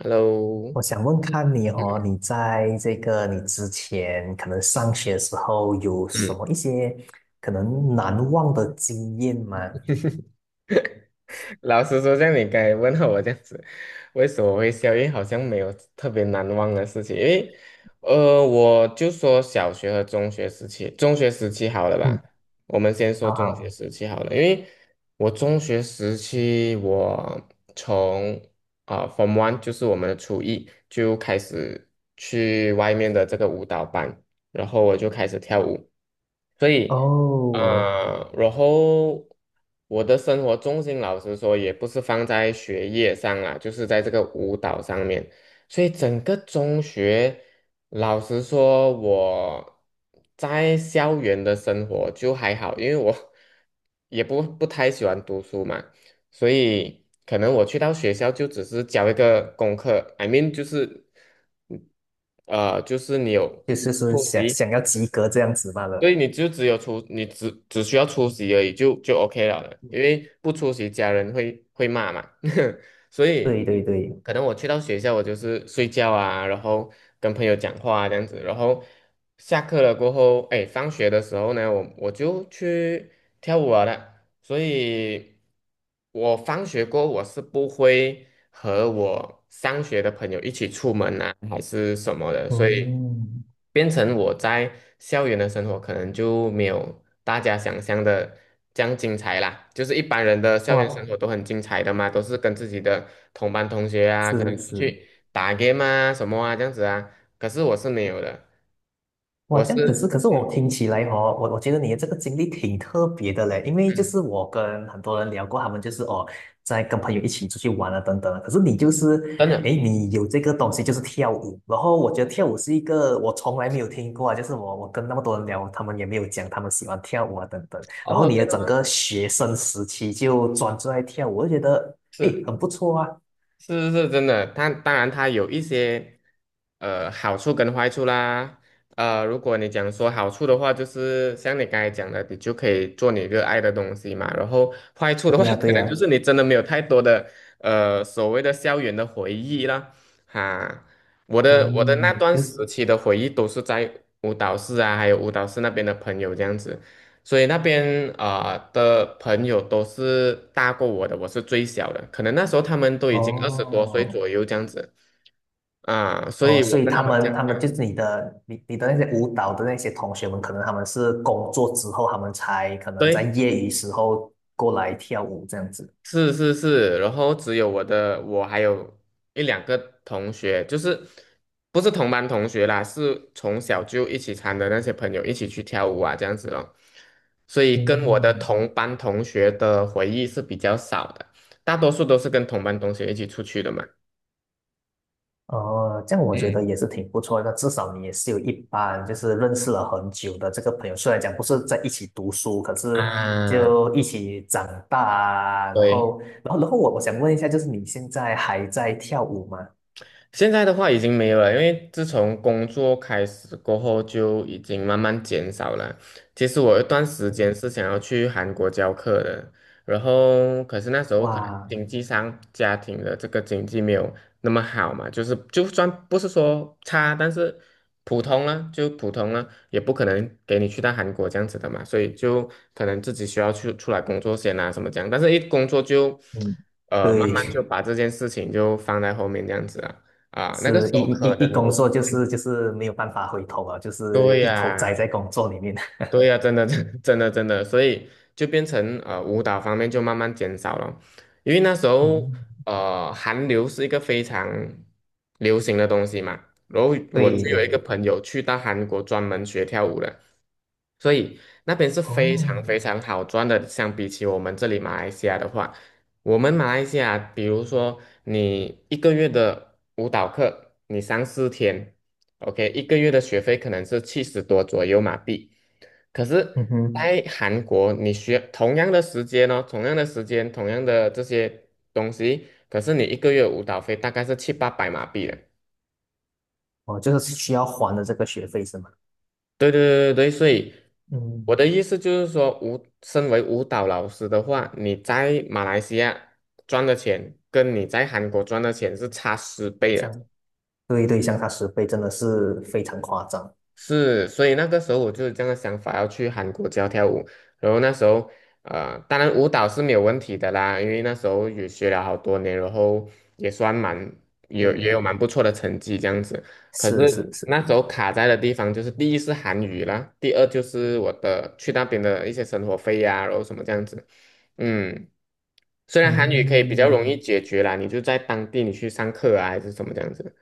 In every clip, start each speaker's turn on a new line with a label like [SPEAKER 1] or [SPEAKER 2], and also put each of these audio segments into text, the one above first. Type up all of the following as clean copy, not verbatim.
[SPEAKER 1] Hello。
[SPEAKER 2] 我想问看你哦，你在这个你之前可能上学的时候有
[SPEAKER 1] 嗯，
[SPEAKER 2] 什么
[SPEAKER 1] 嗯，
[SPEAKER 2] 一些可能难忘的经验吗？
[SPEAKER 1] 老实说，像你刚才问候我这样子，为什么我会笑？因为好像没有特别难忘的事情，因为，我就说小学和中学时期，中学时期好了
[SPEAKER 2] 嗯，
[SPEAKER 1] 吧？我们先说
[SPEAKER 2] 好
[SPEAKER 1] 中学
[SPEAKER 2] 好
[SPEAKER 1] 时期好了，因为我中学时期，我从f r o m One 就是我们的初一就开始去外面的这个舞蹈班，然后我就开始跳舞。所以
[SPEAKER 2] 哦，
[SPEAKER 1] 啊，然后我的生活重心，老实说，也不是放在学业上啦，就是在这个舞蹈上面。所以整个中学，老实说，我在校园的生活就还好，因为我 也不太喜欢读书嘛，所以可能我去到学校就只是交一个功课，I mean 就是，嗯就是你有
[SPEAKER 2] 就是说
[SPEAKER 1] 复
[SPEAKER 2] 想
[SPEAKER 1] 习。
[SPEAKER 2] 想要及格这样子罢
[SPEAKER 1] 所
[SPEAKER 2] 了。
[SPEAKER 1] 以你就只有出，你只需要出席而已，就 OK 了的，因
[SPEAKER 2] 嗯，
[SPEAKER 1] 为不出席家人会骂嘛，所
[SPEAKER 2] 对
[SPEAKER 1] 以
[SPEAKER 2] 对对。
[SPEAKER 1] 可能我去到学校，我就是睡觉啊，然后跟朋友讲话啊这样子，然后下课了过后，哎，放学的时候呢，我就去跳舞了的。所以我放学过后我是不会和我上学的朋友一起出门啊，还是什么的，所以
[SPEAKER 2] 嗯。
[SPEAKER 1] 变成我在校园的生活可能就没有大家想象的这样精彩啦。就是一般人的校园生
[SPEAKER 2] 哇。
[SPEAKER 1] 活都很精彩的嘛，都是跟自己的同班同学啊，可能
[SPEAKER 2] 是
[SPEAKER 1] 出
[SPEAKER 2] 是。
[SPEAKER 1] 去打 game 啊什么啊这样子啊，可是我是没有的，
[SPEAKER 2] 哇，
[SPEAKER 1] 我
[SPEAKER 2] 这样。可是
[SPEAKER 1] 是
[SPEAKER 2] 可是我听起来哦，我觉得你的这个经历挺特别的嘞，因 为就
[SPEAKER 1] 嗯。
[SPEAKER 2] 是我跟很多人聊过，他们就是哦，在跟朋友一起出去玩啊等等啊，可是你就
[SPEAKER 1] 真
[SPEAKER 2] 是，诶，
[SPEAKER 1] 的
[SPEAKER 2] 你有这个东西就是跳舞，然后我觉得跳舞是一个我从来没有听过啊，就是我跟那么多人聊，他们也没有讲他们喜欢跳舞啊等等，然后
[SPEAKER 1] 哦，
[SPEAKER 2] 你的
[SPEAKER 1] 真的
[SPEAKER 2] 整
[SPEAKER 1] 吗？
[SPEAKER 2] 个学生时期就专注在跳舞，我就觉得诶
[SPEAKER 1] 是。
[SPEAKER 2] 很不错啊。
[SPEAKER 1] 是是真的，它当然它有一些好处跟坏处啦。如果你讲说好处的话，就是像你刚才讲的，你就可以做你热爱的东西嘛。然后坏处的话，
[SPEAKER 2] 对呀，对
[SPEAKER 1] 可能
[SPEAKER 2] 呀。
[SPEAKER 1] 就是你真的没有太多的所谓的校园的回忆了。哈，我的那
[SPEAKER 2] 嗯，
[SPEAKER 1] 段
[SPEAKER 2] 就
[SPEAKER 1] 时
[SPEAKER 2] 是
[SPEAKER 1] 期的回忆都是在舞蹈室啊，还有舞蹈室那边的朋友这样子。所以那边的朋友都是大过我的，我是最小的，可能那时候他们都已经20多岁
[SPEAKER 2] 哦。
[SPEAKER 1] 左右这样子。所
[SPEAKER 2] 哦，
[SPEAKER 1] 以
[SPEAKER 2] 所
[SPEAKER 1] 我
[SPEAKER 2] 以
[SPEAKER 1] 跟他
[SPEAKER 2] 他
[SPEAKER 1] 们讲，
[SPEAKER 2] 们
[SPEAKER 1] 样
[SPEAKER 2] 他们
[SPEAKER 1] 搭
[SPEAKER 2] 就是你的你的那些舞蹈的那些同学们，可能他们是工作之后，他们才可能在
[SPEAKER 1] 对，
[SPEAKER 2] 业余时候过来跳舞这样子。
[SPEAKER 1] 是是是，然后只有我的，我还有一两个同学，就是不是同班同学啦，是从小就一起参的那些朋友一起去跳舞啊这样子咯，所以跟我的
[SPEAKER 2] 嗯。
[SPEAKER 1] 同班同学的回忆是比较少的，大多数都是跟同班同学一起出去的嘛。
[SPEAKER 2] 哦，这样我觉得也是挺不错的，至少你也是有一班就是认识了很久的这个朋友，虽然讲不是在一起读书，可是
[SPEAKER 1] 啊，
[SPEAKER 2] 就一起长大啊。然
[SPEAKER 1] 对。
[SPEAKER 2] 后，然后，然后我想问一下，就是你现在还在跳舞吗？
[SPEAKER 1] 现在的话已经没有了，因为自从工作开始过后就已经慢慢减少了。其实我有一段时间是想要去韩国教课的，然后可是那时候可能
[SPEAKER 2] 哇。
[SPEAKER 1] 经济上家庭的这个经济没有那么好嘛，就是就算不是说差，但是普通了就普通了，也不可能给你去到韩国这样子的嘛，所以就可能自己需要去出来工作先啊什么这样，但是一工作就
[SPEAKER 2] 嗯。
[SPEAKER 1] 慢慢就
[SPEAKER 2] 对，
[SPEAKER 1] 把这件事情就放在后面这样子啊。
[SPEAKER 2] 是一
[SPEAKER 1] 有
[SPEAKER 2] 一一
[SPEAKER 1] 可
[SPEAKER 2] 一
[SPEAKER 1] 能
[SPEAKER 2] 工
[SPEAKER 1] 我，
[SPEAKER 2] 作就是就是没有办法回头啊，就是
[SPEAKER 1] 对
[SPEAKER 2] 一头栽
[SPEAKER 1] 呀、
[SPEAKER 2] 在工作里面。
[SPEAKER 1] 对呀、真的，真的，真的，所以就变成舞蹈方面就慢慢减少了，因为那时候
[SPEAKER 2] 嗯。
[SPEAKER 1] 韩流是一个非常流行的东西嘛，然后我
[SPEAKER 2] 对
[SPEAKER 1] 就
[SPEAKER 2] 对
[SPEAKER 1] 有一个
[SPEAKER 2] 对。
[SPEAKER 1] 朋友去到韩国专门学跳舞的，所以那边是非常
[SPEAKER 2] 哦。
[SPEAKER 1] 非常好赚的，相比起我们这里马来西亚的话，我们马来西亚，比如说你一个月的舞蹈课，你上4天，OK，一个月的学费可能是70多左右马币。可是，
[SPEAKER 2] 嗯哼。
[SPEAKER 1] 在韩国，你需要同样的时间哦，同样的时间，同样的这些东西，可是你一个月舞蹈费大概是七八百马币的。
[SPEAKER 2] 哦，就是需要还的这个学费是吗？
[SPEAKER 1] 对对对对，所以
[SPEAKER 2] 嗯。
[SPEAKER 1] 我的意思就是说，舞身为舞蹈老师的话，你在马来西亚赚的钱跟你在韩国赚的钱是差10倍的。
[SPEAKER 2] 像。对对，相差十倍真的是非常夸张。
[SPEAKER 1] 是，所以那个时候我就是这样的想法，要去韩国教跳舞。然后那时候，当然舞蹈是没有问题的啦，因为那时候也学了好多年，然后也算蛮
[SPEAKER 2] 对
[SPEAKER 1] 也有
[SPEAKER 2] 呀。
[SPEAKER 1] 蛮不错的成绩这样子。可
[SPEAKER 2] 是
[SPEAKER 1] 是
[SPEAKER 2] 是是。
[SPEAKER 1] 那时候卡在的地方就是，第一是韩语啦，第二就是我的去那边的一些生活费呀、然后什么这样子。嗯，虽然韩语可以比较容易
[SPEAKER 2] 嗯。
[SPEAKER 1] 解决啦，你就在当地你去上课啊，还是什么这样子。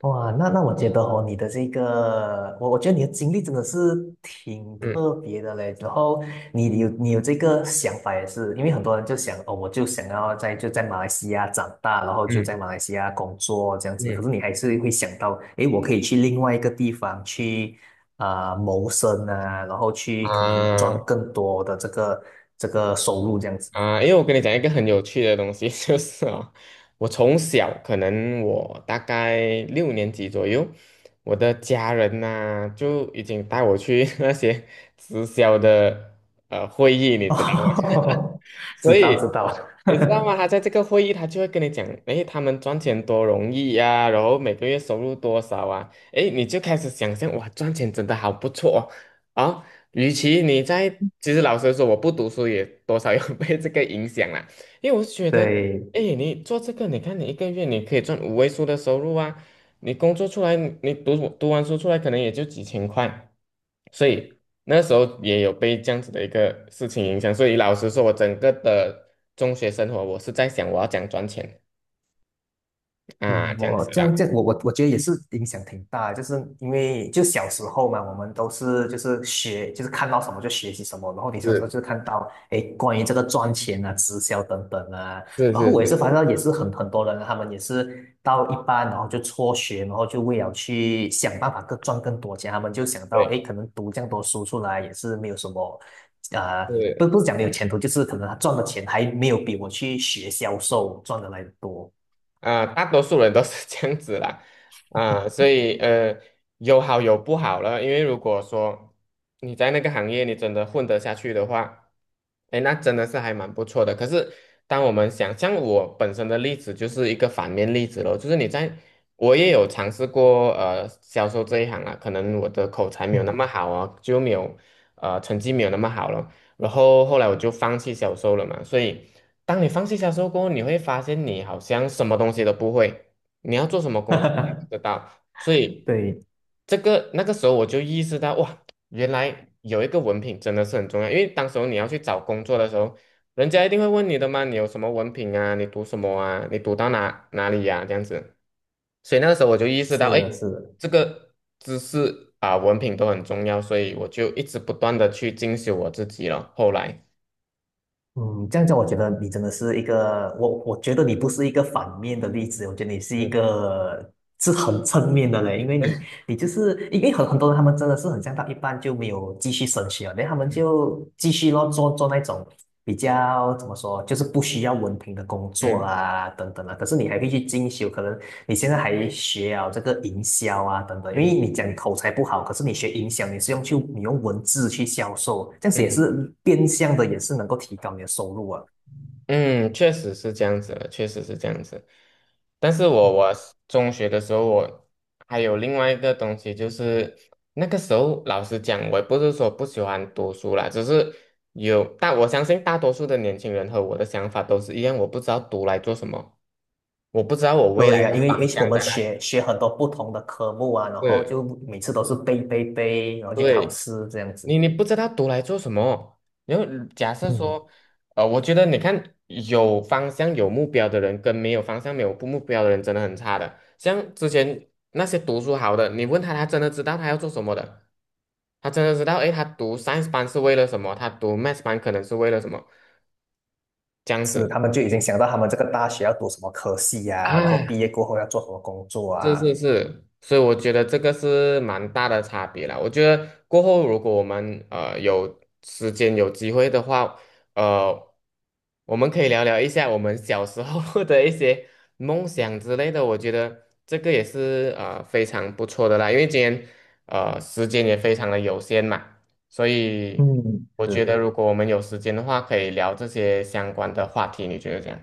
[SPEAKER 2] 哇，那那我觉得哦，你的这个，我觉得你的经历真的是挺特
[SPEAKER 1] 嗯
[SPEAKER 2] 别的嘞。然后你有这个想法也是，因为很多人就想哦，我就想要在就在马来西亚长大，然后就
[SPEAKER 1] 嗯
[SPEAKER 2] 在马来西亚工作这样子。可是
[SPEAKER 1] 嗯
[SPEAKER 2] 你还是会想到，诶，我可以去另外一个地方去啊、谋生啊，然后去可能赚
[SPEAKER 1] 啊，
[SPEAKER 2] 更多的这个收入这样子。
[SPEAKER 1] 啊，因为我跟你讲一个很有趣的东西，就是啊，我从小可能我大概6年级左右，我的家人呐、就已经带我去 那些直销的会议，你知道吗？
[SPEAKER 2] 哦，知
[SPEAKER 1] 所
[SPEAKER 2] 道
[SPEAKER 1] 以
[SPEAKER 2] 知道。
[SPEAKER 1] 你知道吗？他在这个会议，他就会跟你讲，诶，他们赚钱多容易呀、然后每个月收入多少啊？诶，你就开始想象，哇，赚钱真的好不错哦，与其你在，其实老实说，我不读书也多少有 被这个影响啦，因为我是觉 得，
[SPEAKER 2] 对。
[SPEAKER 1] 哎，你做这个，你看你一个月你可以赚5位数的收入啊，你工作出来，你读完书出来可能也就几千块，所以那时候也有被这样子的一个事情影响，所以老实说，我整个的中学生活，我是在想我要怎样赚钱啊，
[SPEAKER 2] 嗯，
[SPEAKER 1] 这样
[SPEAKER 2] 我
[SPEAKER 1] 子
[SPEAKER 2] 这样
[SPEAKER 1] 啦，
[SPEAKER 2] 这样，我觉得也是影响挺大的，就是因为就小时候嘛，我们都是就是学，就是看到什么就学习什么，然后你小时候
[SPEAKER 1] 是
[SPEAKER 2] 就看到，哎，关于这个赚钱啊、直销等等啊，
[SPEAKER 1] 是
[SPEAKER 2] 然后
[SPEAKER 1] 是
[SPEAKER 2] 我也是
[SPEAKER 1] 是，
[SPEAKER 2] 发现到也是很多人啊，他们也是到一半，然后就辍学，然后就为了去想办法更赚更多钱，他们就想到，
[SPEAKER 1] 对，
[SPEAKER 2] 哎，可能读这样多书出来也是没有什么，呃，不
[SPEAKER 1] 是。
[SPEAKER 2] 不是讲没有前途，就是可能他赚的钱还没有比我去学销售赚的来的多。
[SPEAKER 1] 大多数人都是 这样子啦，所以有好有不好了。因为如果说你在那个行业你真的混得下去的话，哎，那真的是还蛮不错的。可是当我们想，像我本身的例子就是一个反面例子咯，就是你在，我也有尝试过销售这一行啊，可能我的口才没有那
[SPEAKER 2] 嗯。
[SPEAKER 1] 么好啊，就没有成绩没有那么好了，然后后来我就放弃销售了嘛，所以。当你放弃销售过后，你会发现你好像什么东西都不会，你要做什么工作你也不 知道。所以
[SPEAKER 2] 对。
[SPEAKER 1] 这个那个时候我就意识到，哇，原来有一个文凭真的是很重要。因为当时候你要去找工作的时候，人家一定会问你的嘛，你有什么文凭啊？你读什么啊？你读到哪里呀、这样子。所以那个时候我就意识
[SPEAKER 2] 是
[SPEAKER 1] 到，哎，
[SPEAKER 2] 的，是的。
[SPEAKER 1] 这个知识啊、文凭都很重要，所以我就一直不断的去进修我自己了。后来，
[SPEAKER 2] 嗯，这样讲，我觉得你真的是一个，我觉得你不是一个反面的例子，我觉得你是一
[SPEAKER 1] 嗯
[SPEAKER 2] 个是很正面的人，因为你你就是因为很多人他们真的是很像到一半就没有继续升学了，然后他们
[SPEAKER 1] 嗯
[SPEAKER 2] 就继续咯做那种。比较怎么说，就是不需要文凭的工作
[SPEAKER 1] 嗯
[SPEAKER 2] 啊，等等啊。可是你还可以去进修，可能你现在还学啊这个营销啊，等等啊。因为你
[SPEAKER 1] 嗯
[SPEAKER 2] 讲你口才不好，可是你学营销，你是用去你用文字去销售，这样子也
[SPEAKER 1] 嗯。
[SPEAKER 2] 是变相的，也是能够提高你的收入啊。
[SPEAKER 1] 嗯，确实是这样子的，确实是这样子。但是我是中学的时候，我还有另外一个东西，就是那个时候老师讲，我也不是说不喜欢读书啦，只是有，但我相信大多数的年轻人和我的想法都是一样，我不知道读来做什么，我不知道我未
[SPEAKER 2] 对
[SPEAKER 1] 来
[SPEAKER 2] 呀、
[SPEAKER 1] 的
[SPEAKER 2] 因为因
[SPEAKER 1] 方
[SPEAKER 2] 为我
[SPEAKER 1] 向
[SPEAKER 2] 们
[SPEAKER 1] 在哪里。
[SPEAKER 2] 学很多不同的科目啊，然后
[SPEAKER 1] 对
[SPEAKER 2] 就每次都是背，然后去考
[SPEAKER 1] 对，
[SPEAKER 2] 试这样
[SPEAKER 1] 你
[SPEAKER 2] 子。
[SPEAKER 1] 你不知道读来做什么？然后假设
[SPEAKER 2] 嗯，
[SPEAKER 1] 说，我觉得你看有方向有目标的人跟没有方向没有不目标的人真的很差的。像之前那些读书好的，你问他，他真的知道他要做什么的，他真的知道，诶，他读 science 班是为了什么？他读 math 班可能是为了什么？这样
[SPEAKER 2] 是，
[SPEAKER 1] 子，
[SPEAKER 2] 他们就已经想到他们这个大学要读什么科系呀、然后
[SPEAKER 1] 哎，
[SPEAKER 2] 毕业过后要做什么工作
[SPEAKER 1] 是
[SPEAKER 2] 啊。
[SPEAKER 1] 是是，所以我觉得这个是蛮大的差别啦。我觉得过后如果我们有时间有机会的话，呃，我们可以聊聊一下我们小时候 的一些梦想之类的。我觉得这个也是非常不错的啦，因为今天时间也非常的有限嘛，所以
[SPEAKER 2] 嗯，
[SPEAKER 1] 我觉得
[SPEAKER 2] 是，
[SPEAKER 1] 如果我们有时间的话，可以聊这些相关的话题。你觉得这样？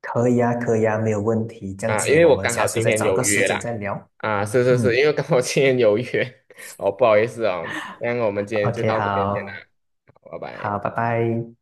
[SPEAKER 2] 可以啊，可以啊，没有问题。这样
[SPEAKER 1] 啊，因
[SPEAKER 2] 子，
[SPEAKER 1] 为
[SPEAKER 2] 我
[SPEAKER 1] 我
[SPEAKER 2] 们
[SPEAKER 1] 刚
[SPEAKER 2] 下
[SPEAKER 1] 好
[SPEAKER 2] 次
[SPEAKER 1] 今
[SPEAKER 2] 再
[SPEAKER 1] 天
[SPEAKER 2] 找
[SPEAKER 1] 有
[SPEAKER 2] 个时
[SPEAKER 1] 约
[SPEAKER 2] 间
[SPEAKER 1] 啦，
[SPEAKER 2] 再聊。
[SPEAKER 1] 啊，是是是，
[SPEAKER 2] 嗯
[SPEAKER 1] 因为刚好今天有约，哦，不好意思哦，那我们今天就
[SPEAKER 2] ，OK，
[SPEAKER 1] 到这边先啦，
[SPEAKER 2] 好，
[SPEAKER 1] 好拜
[SPEAKER 2] 好，
[SPEAKER 1] 拜。
[SPEAKER 2] 拜拜。